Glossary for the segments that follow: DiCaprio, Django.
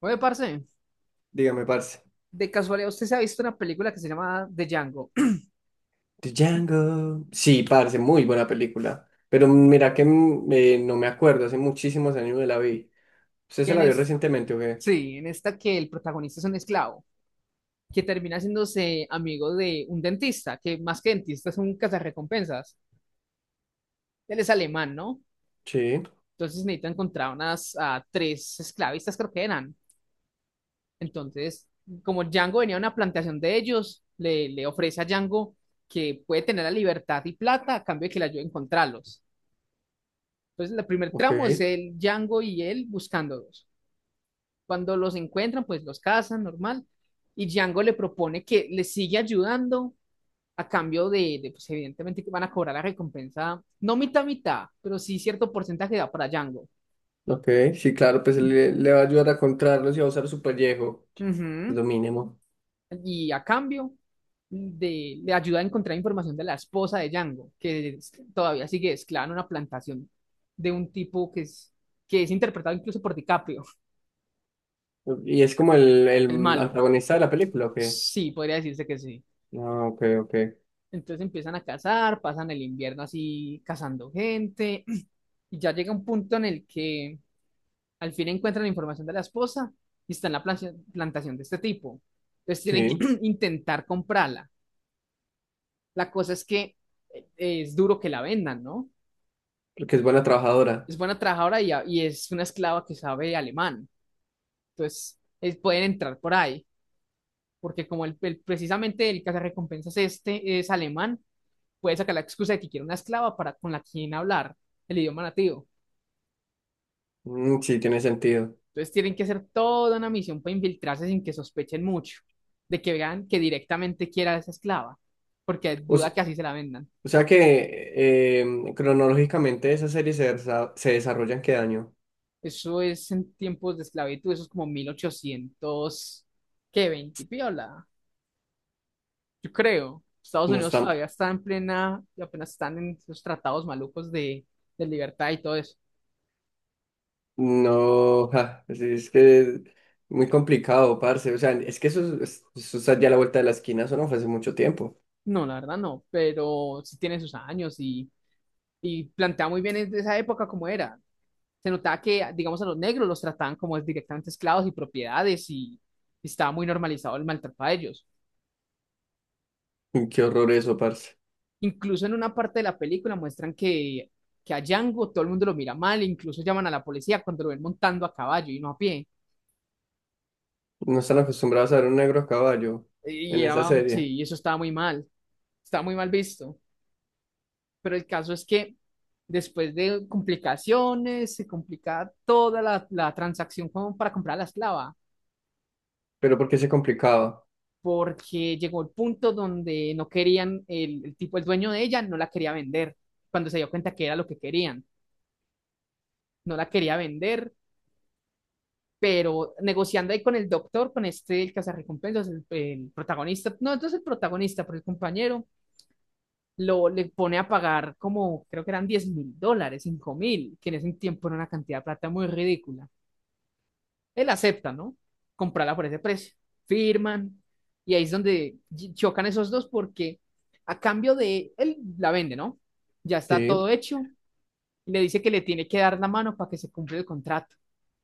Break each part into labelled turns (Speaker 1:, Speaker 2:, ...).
Speaker 1: Oye, parce,
Speaker 2: Dígame, parce.
Speaker 1: de casualidad, ¿usted se ha visto una película que se llama The Django?
Speaker 2: Django. Sí, parce, muy buena película. Pero mira que no me acuerdo, hace muchísimos años que la vi. ¿Usted se
Speaker 1: ¿Quién
Speaker 2: la vio
Speaker 1: es?
Speaker 2: recientemente o qué?
Speaker 1: Sí, en esta que el protagonista es un esclavo, que termina haciéndose amigo de un dentista, que más que dentista es un cazarrecompensas. Él es alemán, ¿no?
Speaker 2: Sí,
Speaker 1: Entonces necesita encontrar unas tres esclavistas, creo que eran. Entonces, como Django venía a una plantación de ellos, le ofrece a Django que puede tener la libertad y plata a cambio de que le ayude a encontrarlos. Entonces, el primer
Speaker 2: ok,
Speaker 1: tramo es el Django y él buscándolos. Cuando los encuentran, pues los cazan, normal. Y Django le propone que le sigue ayudando a cambio de, pues evidentemente que van a cobrar la recompensa, no mitad mitad, pero sí cierto porcentaje da para Django.
Speaker 2: ok. Sí, claro, pues le va a ayudar a encontrarlos y a usar su pellejo. Es
Speaker 1: Ujú.
Speaker 2: lo mínimo.
Speaker 1: Y a cambio de, le ayuda a encontrar información de la esposa de Django, todavía sigue esclava en una plantación de un tipo que es interpretado incluso por DiCaprio,
Speaker 2: ¿Y es como el
Speaker 1: el malo.
Speaker 2: antagonista de la película o qué?
Speaker 1: Sí, podría decirse que sí.
Speaker 2: Ah, ok, ok.
Speaker 1: Entonces empiezan a cazar, pasan el invierno así cazando gente y ya llega un punto en el que al fin encuentran la información de la esposa y está en la plantación de este tipo. Entonces tienen
Speaker 2: Sí,
Speaker 1: que intentar comprarla. La cosa es que es duro que la vendan, ¿no?
Speaker 2: porque es buena trabajadora.
Speaker 1: Es buena trabajadora y es una esclava que sabe alemán. Entonces pueden entrar por ahí, porque como precisamente el cazarrecompensas este es alemán, puede sacar la excusa de que quiere una esclava para con la quien hablar el idioma nativo.
Speaker 2: Mm, sí, tiene sentido.
Speaker 1: Entonces tienen que hacer toda una misión para infiltrarse sin que sospechen mucho, de que vean que directamente quiera a esa esclava, porque
Speaker 2: O,
Speaker 1: duda que
Speaker 2: se-
Speaker 1: así se la vendan.
Speaker 2: o sea que cronológicamente esas series se desarrollan ¿qué año?
Speaker 1: Eso es en tiempos de esclavitud, eso es como 1800 ¿qué? 20 piola, yo creo. Estados
Speaker 2: No
Speaker 1: Unidos todavía
Speaker 2: está,
Speaker 1: está en plena, y apenas están en esos tratados malucos de libertad y todo eso.
Speaker 2: no, ja, es que muy complicado, parce. O sea, es que eso está ya a la vuelta de la esquina, eso no fue hace mucho tiempo.
Speaker 1: No, la verdad no, pero sí tiene sus años y plantea muy bien esa época como era. Se notaba que, digamos, a los negros los trataban como directamente esclavos y propiedades y estaba muy normalizado el maltrato a ellos.
Speaker 2: Y qué horror eso, parce.
Speaker 1: Incluso en una parte de la película muestran que a Django todo el mundo lo mira mal, incluso llaman a la policía cuando lo ven montando a caballo y no a pie.
Speaker 2: No están acostumbrados a ver un negro a caballo
Speaker 1: Y
Speaker 2: en esa
Speaker 1: era,
Speaker 2: serie.
Speaker 1: sí, eso estaba muy mal visto. Pero el caso es que después de complicaciones, se complicaba toda la transacción como para comprar a la esclava
Speaker 2: Pero ¿por qué se complicaba?
Speaker 1: porque llegó el punto donde no querían, el tipo, el dueño de ella, no la quería vender, cuando se dio cuenta que era lo que querían, no la quería vender, pero negociando ahí con el doctor, con este, el cazarrecompensas, el protagonista, no, entonces el protagonista, pero el compañero, le pone a pagar como, creo que eran $10,000, 5,000, que en ese tiempo era una cantidad de plata muy ridícula. Él acepta, ¿no? Comprarla por ese precio. Firman. Y ahí es donde chocan esos dos porque a cambio de él la vende, ¿no? Ya está
Speaker 2: Sí.
Speaker 1: todo hecho. Y le dice que le tiene que dar la mano para que se cumpla el contrato.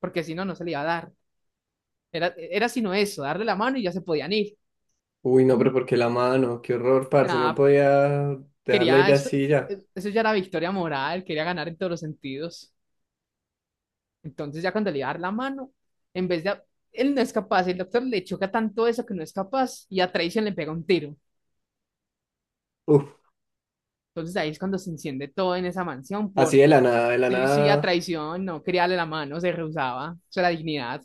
Speaker 1: Porque si no, no se le iba a dar. Era sino eso, darle la mano y ya se podían ir.
Speaker 2: Uy, no, pero ¿por qué la mano? Qué horror, parce. No
Speaker 1: Nada,
Speaker 2: podía dejarla
Speaker 1: quería
Speaker 2: ir
Speaker 1: eso.
Speaker 2: así ya.
Speaker 1: Eso ya era victoria moral, quería ganar en todos los sentidos. Entonces ya cuando le iba a dar la mano, en vez de él no es capaz, el doctor le choca tanto eso que no es capaz y a traición le pega un tiro.
Speaker 2: Uf,
Speaker 1: Entonces ahí es cuando se enciende todo en esa mansión,
Speaker 2: así de
Speaker 1: porque
Speaker 2: la nada, de la
Speaker 1: sí, sí, a
Speaker 2: nada.
Speaker 1: traición, no quería darle la mano, se rehusaba, o sea, la dignidad.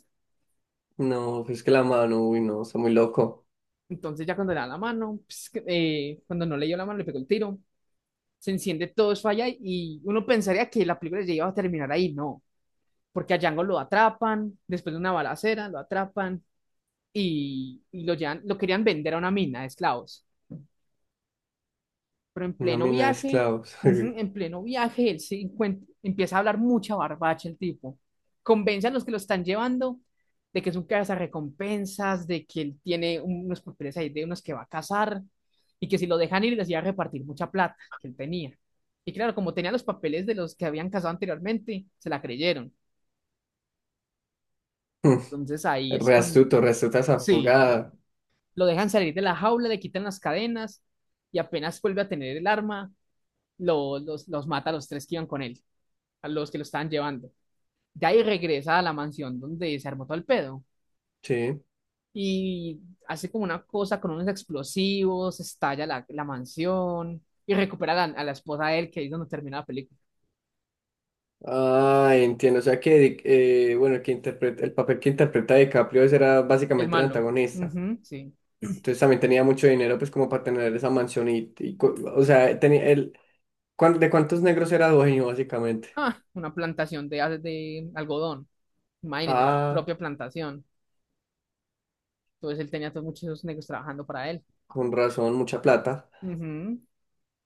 Speaker 2: No, es que la mano, uy, no, está muy loco.
Speaker 1: Entonces ya cuando le da la mano, pues, cuando no le dio la mano, le pegó el tiro, se enciende todo eso allá y uno pensaría que la película ya iba a terminar ahí, no, porque a Django lo atrapan, después de una balacera, lo atrapan y lo llevan, lo querían vender a una mina de esclavos. Pero en
Speaker 2: Una
Speaker 1: pleno
Speaker 2: mina de
Speaker 1: viaje,
Speaker 2: esclavos.
Speaker 1: ujú, en pleno viaje, empieza a hablar mucha barbacha el tipo. Convence a los que lo están llevando de que es un recompensas, de que él tiene unos papeles ahí de unos que va a casar y que si lo dejan ir les iba a repartir mucha plata que él tenía. Y claro, como tenía los papeles de los que habían casado anteriormente, se la creyeron. Entonces ahí es
Speaker 2: Re
Speaker 1: cuando,
Speaker 2: astuto, re astuta esa
Speaker 1: sí,
Speaker 2: jugada.
Speaker 1: lo dejan salir de la jaula, le quitan las cadenas y apenas vuelve a tener el arma, los mata a los tres que iban con él, a los que lo estaban llevando. De ahí regresa a la mansión donde se armó todo el pedo
Speaker 2: Sí.
Speaker 1: y hace como una cosa con unos explosivos, estalla la mansión y recupera a la esposa de él, que ahí es donde termina la película.
Speaker 2: Ah, entiendo. O sea que bueno, el papel que interpreta DiCaprio ese era
Speaker 1: El
Speaker 2: básicamente el
Speaker 1: malo.
Speaker 2: antagonista.
Speaker 1: Ujú, sí.
Speaker 2: Entonces también tenía mucho dinero, pues, como para tener esa mansión y, o sea, de cuántos negros era dueño, básicamente?
Speaker 1: Ah, una plantación de algodón. Imagínense, la
Speaker 2: Ah,
Speaker 1: propia plantación. Entonces él tenía todos muchos negros trabajando para él.
Speaker 2: con razón, mucha plata.
Speaker 1: Ujú.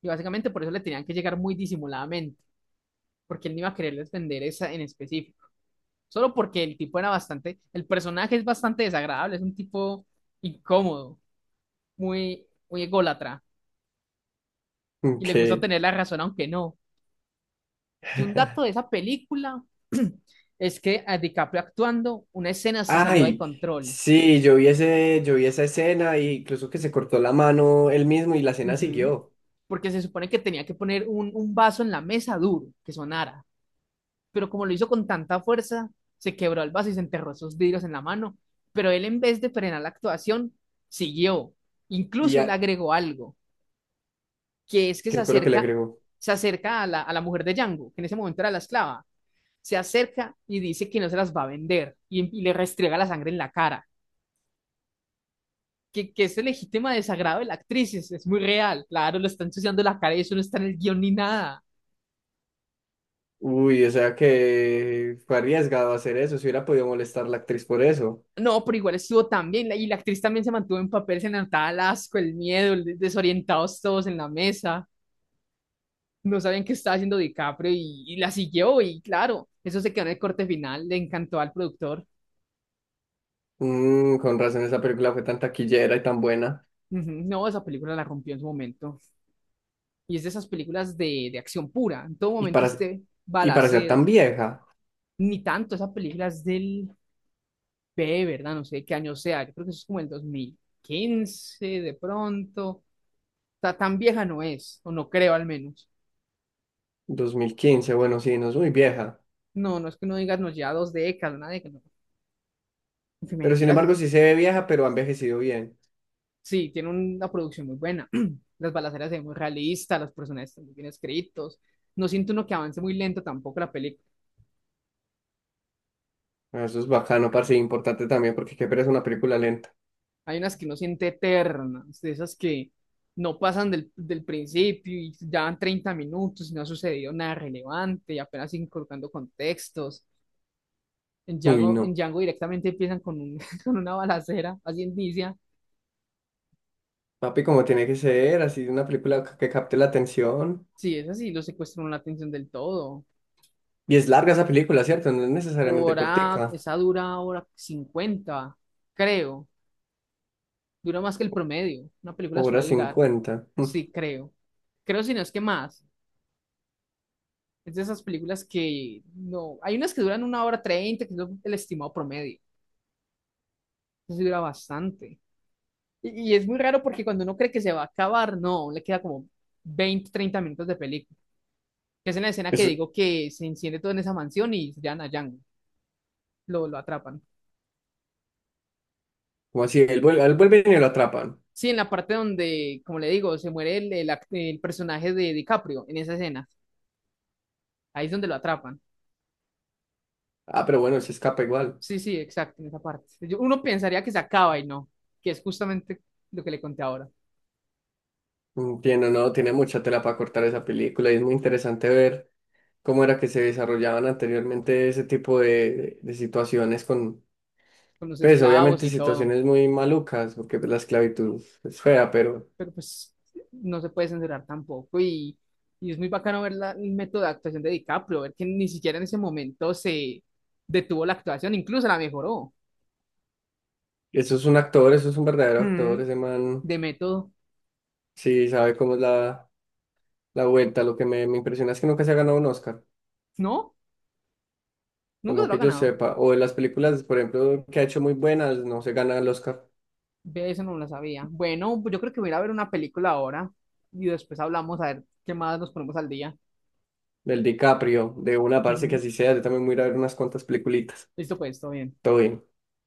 Speaker 1: Y básicamente por eso le tenían que llegar muy disimuladamente, porque él no iba a quererles vender esa en específico. Solo porque el tipo era bastante, el personaje es bastante desagradable, es un tipo incómodo, muy, muy ególatra y le gusta
Speaker 2: que
Speaker 1: tener la razón aunque no. Que un dato de esa película es que a DiCaprio actuando, una escena se salió de
Speaker 2: Ay,
Speaker 1: control.
Speaker 2: sí, yo vi esa escena y incluso que se cortó la mano él mismo y la escena
Speaker 1: Ujú.
Speaker 2: siguió.
Speaker 1: Porque se supone que tenía que poner un vaso en la mesa duro, que sonara. Pero como lo hizo con tanta fuerza, se quebró el vaso y se enterró esos vidrios en la mano. Pero él en vez de frenar la actuación, siguió.
Speaker 2: Y
Speaker 1: Incluso le
Speaker 2: ah,
Speaker 1: agregó algo que es que se
Speaker 2: ¿qué fue lo que le
Speaker 1: acerca,
Speaker 2: agregó?
Speaker 1: se acerca a la mujer de Django, que en ese momento era la esclava, se acerca y dice que no se las va a vender y le restriega la sangre en la cara. Que ese legítimo desagrado de la actriz es muy real, claro, le está ensuciando la cara y eso no está en el guión ni nada.
Speaker 2: Uy, o sea que fue arriesgado hacer eso, si hubiera podido molestar la actriz por eso.
Speaker 1: No, pero igual estuvo también, y la actriz también se mantuvo en papel, se notaba el asco, el miedo, desorientados todos en la mesa, no sabían qué estaba haciendo DiCaprio y la siguió, y claro, eso se quedó en el corte final, le encantó al productor.
Speaker 2: Mm, con razón esa película fue tan taquillera y tan buena.
Speaker 1: Ujú, no, esa película la rompió en su momento. Y es de esas películas de acción pura. En todo
Speaker 2: Y
Speaker 1: momento
Speaker 2: para,
Speaker 1: usted
Speaker 2: y para ser tan
Speaker 1: balaceras.
Speaker 2: vieja,
Speaker 1: Ni tanto, esa película es del P, ¿verdad? No sé qué año sea. Yo creo que eso es como el 2015, de pronto. Tan vieja no es, o no creo al menos.
Speaker 2: 2015, bueno, sí, no es muy vieja.
Speaker 1: No, no es que no digas, nos lleva 2 décadas, una década. No. Qué
Speaker 2: Pero sin
Speaker 1: mentira,
Speaker 2: embargo
Speaker 1: sí,
Speaker 2: sí se ve vieja, pero ha envejecido bien.
Speaker 1: sí, tiene una producción muy buena. Las balaceras se ven muy realistas, los personajes están muy bien escritos. No siento uno que avance muy lento tampoco la película.
Speaker 2: Ah, eso es bacano, parce, y importante también, porque qué pereza una película lenta.
Speaker 1: Hay unas que uno siente eternas, de esas que no pasan del principio y ya van 30 minutos y no ha sucedido nada relevante y apenas siguen colocando contextos.
Speaker 2: Uy,
Speaker 1: En
Speaker 2: no.
Speaker 1: Django directamente empiezan con una balacera, así inicia.
Speaker 2: Papi, como tiene que ser, así una película que capte la atención.
Speaker 1: Sí, es así. Lo secuestran la atención del todo.
Speaker 2: Y es larga esa película, ¿cierto? No es necesariamente cortica.
Speaker 1: Esa dura 1 hora 50, creo. Dura más que el promedio. Una película
Speaker 2: Hora
Speaker 1: suele durar,
Speaker 2: cincuenta
Speaker 1: sí, creo. Creo si no es que más. Es de esas películas que no. Hay unas que duran 1 hora 30, que es el estimado promedio. Eso sí dura bastante. Y es muy raro porque cuando uno cree que se va a acabar, no, le queda como 20, 30 minutos de película. Que es en la escena que
Speaker 2: Eso,
Speaker 1: digo que se enciende todo en esa mansión y se llevan a Django. Lo atrapan.
Speaker 2: como así, él vuelve y lo atrapan.
Speaker 1: Sí, en la parte donde, como le digo, se muere el personaje de DiCaprio, en esa escena. Ahí es donde lo atrapan.
Speaker 2: Ah, pero bueno, se escapa igual.
Speaker 1: Sí, sí, exacto, en esa parte. Uno pensaría que se acaba y no, que es justamente lo que le conté ahora,
Speaker 2: Mm, tiene, no, tiene mucha tela para cortar esa película y es muy interesante ver cómo era que se desarrollaban anteriormente ese tipo de situaciones con,
Speaker 1: con los
Speaker 2: pues
Speaker 1: esclavos
Speaker 2: obviamente
Speaker 1: y todo.
Speaker 2: situaciones muy malucas, porque pues, la esclavitud es fea, pero
Speaker 1: Pero pues no se puede censurar tampoco y es muy bacano ver el método de actuación de DiCaprio, ver que ni siquiera en ese momento se detuvo la actuación, incluso la mejoró.
Speaker 2: eso es un actor, eso es un verdadero actor,
Speaker 1: Mm,
Speaker 2: ese man
Speaker 1: de método.
Speaker 2: sí sabe cómo es la, la vuelta. Lo que me impresiona es que nunca se ha ganado un Oscar,
Speaker 1: ¿No?
Speaker 2: o
Speaker 1: Nunca se
Speaker 2: no
Speaker 1: lo ha
Speaker 2: que yo
Speaker 1: ganado.
Speaker 2: sepa, o de las películas, por ejemplo, que ha hecho muy buenas, no se gana el Oscar.
Speaker 1: Ve, eso no lo sabía. Bueno, pues yo creo que voy a ir a ver una película ahora y después hablamos a ver qué más nos ponemos al día.
Speaker 2: Del DiCaprio, de una, parece que
Speaker 1: Ujú.
Speaker 2: así sea. Yo también voy a ir a ver unas cuantas peliculitas.
Speaker 1: Listo, pues, todo bien.
Speaker 2: Todo bien.